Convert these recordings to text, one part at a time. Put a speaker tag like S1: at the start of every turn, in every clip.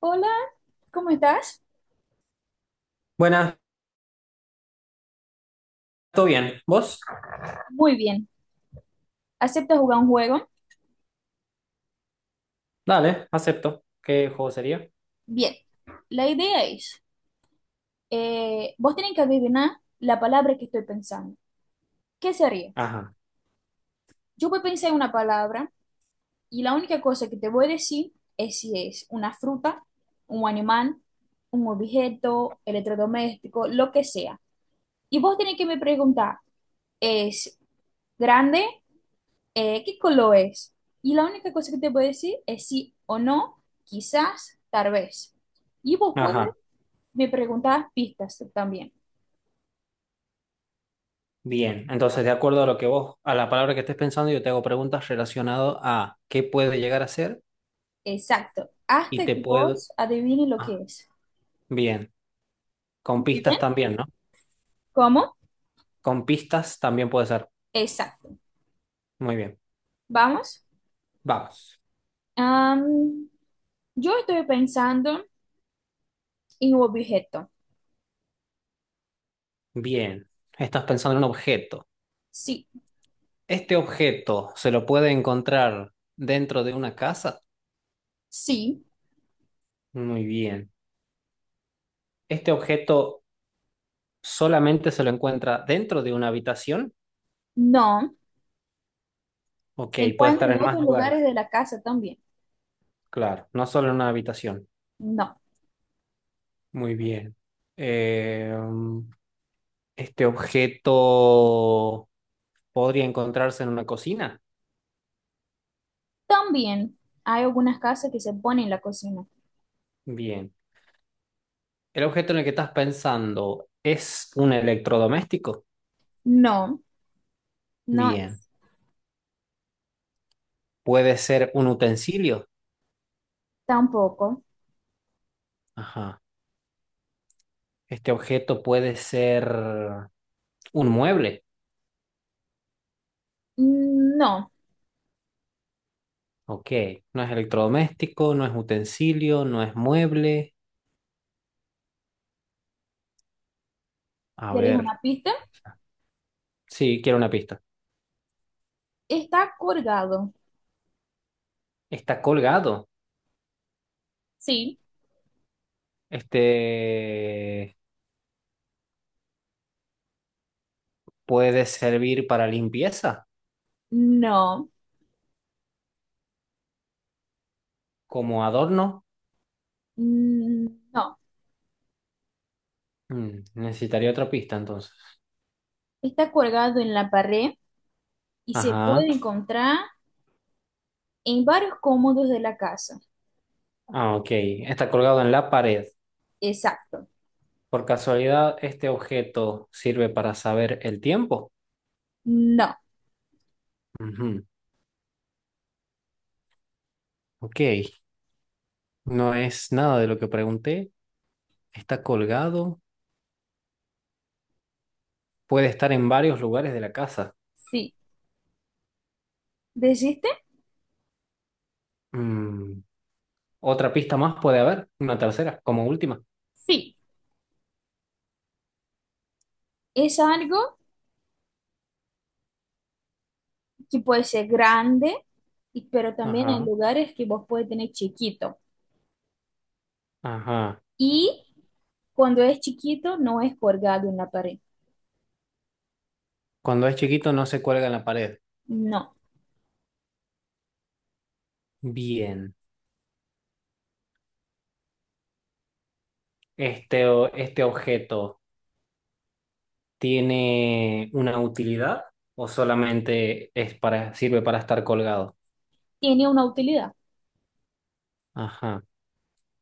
S1: Hola, ¿cómo estás?
S2: Buenas, ¿todo bien? ¿Vos?
S1: Muy bien. ¿Aceptas jugar un juego?
S2: Dale, acepto. ¿Qué juego sería?
S1: Bien. La idea es, vos tenés que adivinar la palabra que estoy pensando. ¿Qué sería?
S2: Ajá,
S1: Yo voy a pensar en una palabra y la única cosa que te voy a decir es si es una fruta, un animal, un objeto, electrodoméstico, lo que sea. Y vos tenés que me preguntar, ¿es grande? ¿Qué color es? Y la única cosa que te puedo decir es sí o no, quizás, tal vez. Y vos puedes
S2: ajá,
S1: me preguntar pistas también.
S2: bien. Entonces, de acuerdo a lo que vos, a la palabra que estés pensando, yo te hago preguntas relacionadas a qué puede llegar a ser
S1: Exacto.
S2: y
S1: Hasta
S2: te
S1: que
S2: puedo...
S1: vos adivine lo que
S2: Ah,
S1: es.
S2: bien. Con
S1: ¿Muy bien?
S2: pistas también, ¿no?
S1: ¿Cómo?
S2: Con pistas también puede ser.
S1: Exacto.
S2: Muy bien.
S1: Vamos.
S2: Vamos.
S1: Am, yo estoy pensando en un objeto.
S2: Bien. Estás pensando en un objeto.
S1: Sí,
S2: ¿Este objeto se lo puede encontrar dentro de una casa?
S1: sí,
S2: Muy bien. ¿Este objeto solamente se lo encuentra dentro de una habitación?
S1: no.
S2: Ok,
S1: Se
S2: puede
S1: encuentra
S2: estar
S1: en
S2: en más
S1: otros lugares
S2: lugares.
S1: de la casa también.
S2: Claro, no solo en una habitación.
S1: No.
S2: Muy bien. Eh, mm, este objeto podría encontrarse en una cocina.
S1: También hay algunas casas que se ponen en la cocina.
S2: Bien. El objeto en el que estás pensando es un electrodoméstico.
S1: No. No,
S2: Bien. Puede ser un utensilio.
S1: tampoco.
S2: Ajá. Este objeto puede ser un mueble.
S1: Mm, no.
S2: Ok. No es electrodoméstico, no es utensilio, no es mueble. A
S1: ¿Quieres
S2: ver.
S1: una pista?
S2: Sí, quiero una pista.
S1: Está colgado.
S2: Está colgado.
S1: Sí.
S2: Este puede servir para limpieza,
S1: No.
S2: como adorno.
S1: Mm, no.
S2: Necesitaría otra pista entonces.
S1: Está colgado en la pared y se
S2: Ajá.
S1: puede encontrar en varios cómodos de la casa.
S2: Ah, ok. Está colgado en la pared.
S1: Exacto.
S2: Por casualidad, este objeto sirve para saber el tiempo.
S1: No.
S2: Ujú. Ok. No es nada de lo que pregunté. Está colgado. Puede estar en varios lugares de la casa.
S1: Sí. ¿Desiste?
S2: Mm. Otra pista más puede haber. Una tercera, como última.
S1: Sí. Es algo que puede ser grande, y- pero también hay
S2: Ajá.
S1: lugares que vos puedes tener chiquito.
S2: Ajá.
S1: Y cuando es chiquito, no es colgado en la pared.
S2: Cuando es chiquito no se cuelga en la pared.
S1: No.
S2: Bien. Este, este objeto tiene una utilidad o solamente es para, ¿sirve para estar colgado?
S1: Tiene una utilidad.
S2: Ajá.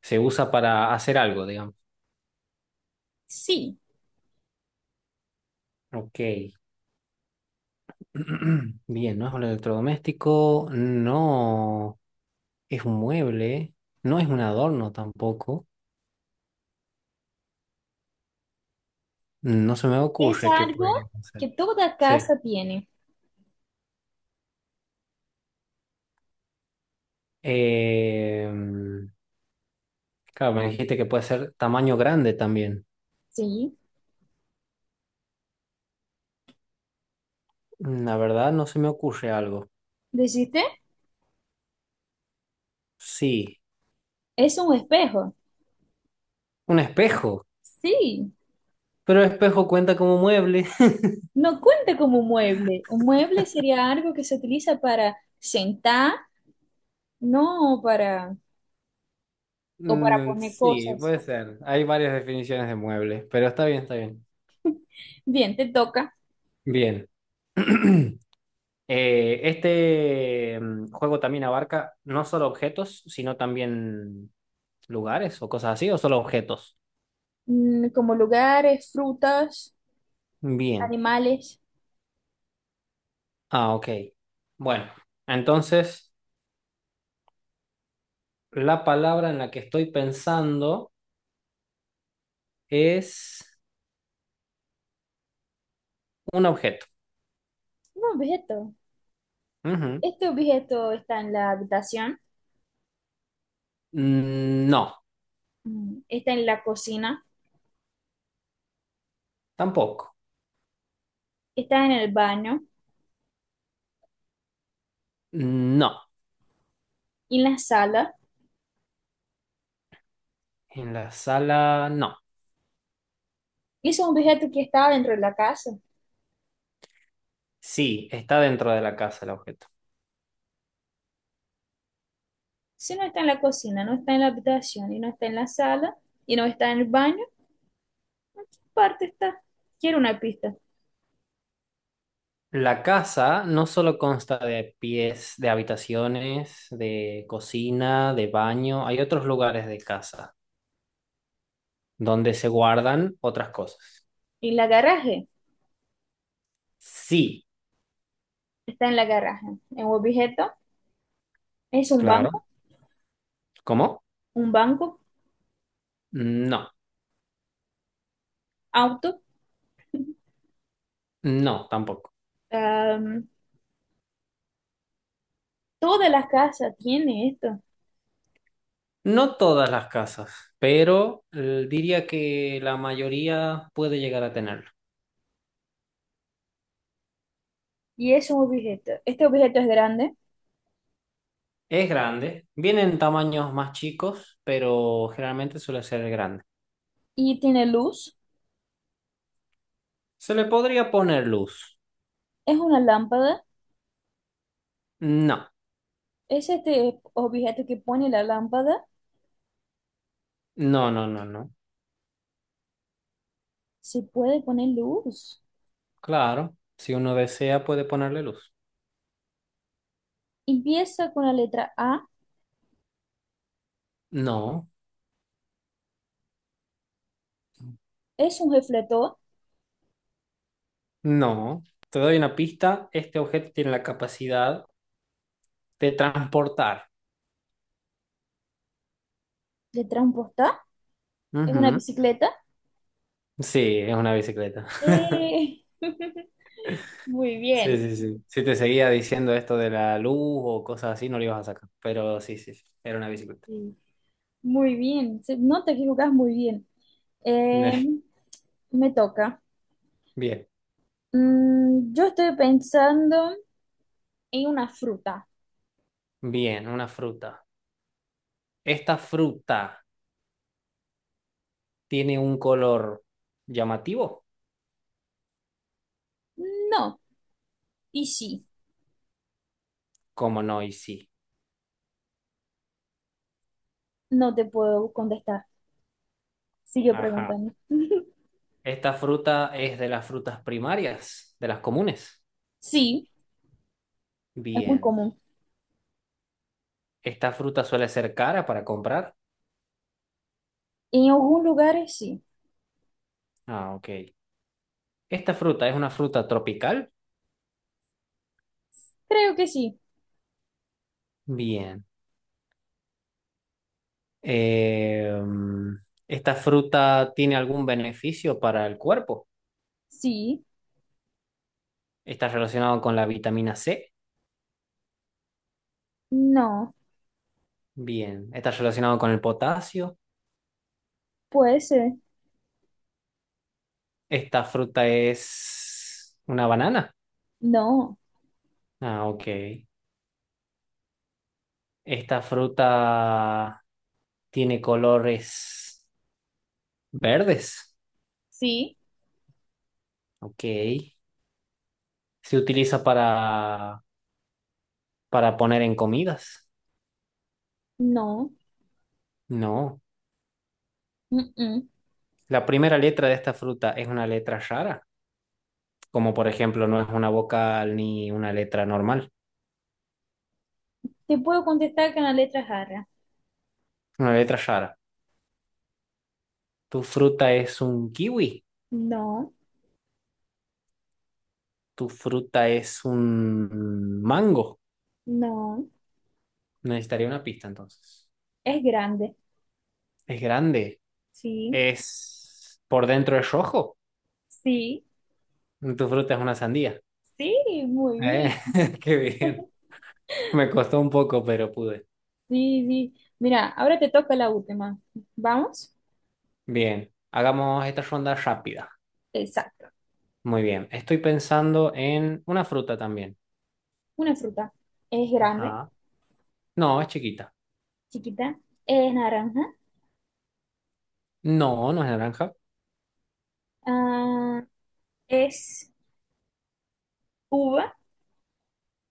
S2: Se usa para hacer algo, digamos.
S1: Sí,
S2: Ok. Bien, no es un electrodoméstico, no es un mueble, no es un adorno tampoco. No se me
S1: es
S2: ocurre qué puede
S1: algo
S2: ser.
S1: que toda
S2: Sí.
S1: casa tiene.
S2: Eh, claro, me dijiste que puede ser tamaño grande también.
S1: Sí.
S2: La verdad no se me ocurre algo.
S1: ¿Dijiste?
S2: Sí,
S1: Es un espejo.
S2: un espejo,
S1: Sí.
S2: pero espejo cuenta como mueble.
S1: No cuenta como un mueble. Un mueble sería algo que se utiliza para sentar, no para, o para
S2: Mm,
S1: poner
S2: sí,
S1: cosas.
S2: puede ser. Hay varias definiciones de mueble, pero está bien, está bien.
S1: Bien, te toca.
S2: Bien. Juego también abarca no solo objetos, sino también lugares o cosas así, o solo objetos.
S1: Mm, como lugares, frutas,
S2: Bien.
S1: animales.
S2: Ah, ok. Bueno, entonces la palabra en la que estoy pensando es un objeto.
S1: Un objeto.
S2: Ujú.
S1: Este objeto está en la habitación,
S2: Mm, no,
S1: mm, está en la cocina,
S2: tampoco.
S1: está en el baño,
S2: No,
S1: y en la sala.
S2: en la sala no.
S1: Y es un objeto que está dentro de la casa.
S2: Sí, está dentro de la casa el objeto.
S1: Si no está en la cocina, no está en la habitación, y no está en la sala, y no está en el baño, parte está. Quiero una pista.
S2: La casa no solo consta de pies, de habitaciones, de cocina, de baño, hay otros lugares de casa donde se guardan otras cosas.
S1: En la garaje,
S2: Sí,
S1: está en la garaje. Es un objeto, es
S2: claro. ¿Cómo?
S1: un banco,
S2: No,
S1: auto.
S2: no, tampoco.
S1: Am, toda la casa tiene esto.
S2: No todas las casas, pero diría que la mayoría puede llegar a tenerlo.
S1: Y es un objeto. Este objeto es grande
S2: Es grande, viene en tamaños más chicos, pero generalmente suele ser grande.
S1: y tiene luz.
S2: ¿Se le podría poner luz?
S1: Es una lámpara.
S2: No,
S1: Es este objeto que pone la lámpara.
S2: no, no, no, no.
S1: Se puede poner luz.
S2: Claro, si uno desea puede ponerle luz.
S1: Empieza con la letra A.
S2: No,
S1: Es un refletor
S2: no. Te doy una pista, este objeto tiene la capacidad de transportar.
S1: de transportar en una
S2: Ujú.
S1: bicicleta.
S2: Sí, es una bicicleta.
S1: Eh, Muy
S2: Sí,
S1: bien,
S2: sí, sí. Si te seguía diciendo esto de la luz o cosas así, no lo ibas a sacar. Pero sí, sí, sí, era una bicicleta.
S1: sí, muy bien. Se nota que jugás muy bien. Eh, me toca.
S2: Bien,
S1: Mm, yo estoy pensando en una fruta.
S2: bien, una fruta. Esta fruta tiene un color llamativo,
S1: No, y sí,
S2: como no y sí.
S1: no te puedo contestar. Sigue
S2: Ajá.
S1: preguntando.
S2: Esta fruta es de las frutas primarias, de las comunes.
S1: Sí, es muy
S2: Bien.
S1: común.
S2: Esta fruta suele ser cara para comprar.
S1: En algunos lugares sí.
S2: Ah, ok. Esta fruta es una fruta tropical.
S1: Creo que sí.
S2: Bien. Eh, Esta fruta tiene algún beneficio para el cuerpo.
S1: Sí,
S2: Está relacionado con la vitamina C.
S1: no,
S2: Bien. Está relacionado con el potasio.
S1: puede ser.
S2: Esta fruta es una banana.
S1: No.
S2: Ah, ok. Esta fruta tiene colores verdes.
S1: Sí,
S2: Ok. ¿Se utiliza para poner en comidas?
S1: no,
S2: No.
S1: mm, mm.
S2: La primera letra de esta fruta es una letra rara, como por ejemplo no es una vocal ni una letra normal,
S1: Te puedo contestar con la letra jarra.
S2: una letra rara. Tu fruta es un kiwi,
S1: No,
S2: tu fruta es un mango.
S1: no,
S2: Necesitaría una pista entonces.
S1: es grande.
S2: Es grande,
S1: Sí,
S2: es por dentro es rojo.
S1: sí,
S2: Tu fruta es una sandía.
S1: sí, muy
S2: Eh,
S1: bien.
S2: Qué bien. Me costó un poco, pero pude.
S1: Sí, sí. Mira, ahora te toca la última. ¿Vamos?
S2: Bien, hagamos esta ronda rápida.
S1: Exacto.
S2: Muy bien. Estoy pensando en una fruta también.
S1: Una fruta. Es grande,
S2: Ajá. No, es chiquita.
S1: chiquita, es naranja,
S2: No, no es naranja.
S1: ah, es uva.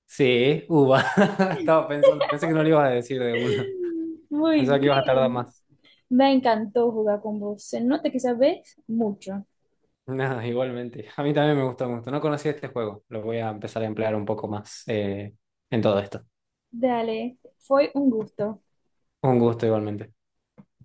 S2: Sí, uva. Estaba pensando, pensé que no le ibas a decir de una.
S1: Muy
S2: Pensaba que ibas a tardar
S1: bien.
S2: más.
S1: Me encantó jugar con vos. Se nota que sabés mucho.
S2: Nada, igualmente. A mí también me gustó mucho. No conocía este juego. Lo voy a empezar a emplear un poco más en todo esto.
S1: Dale, fue un gusto.
S2: Un gusto igualmente.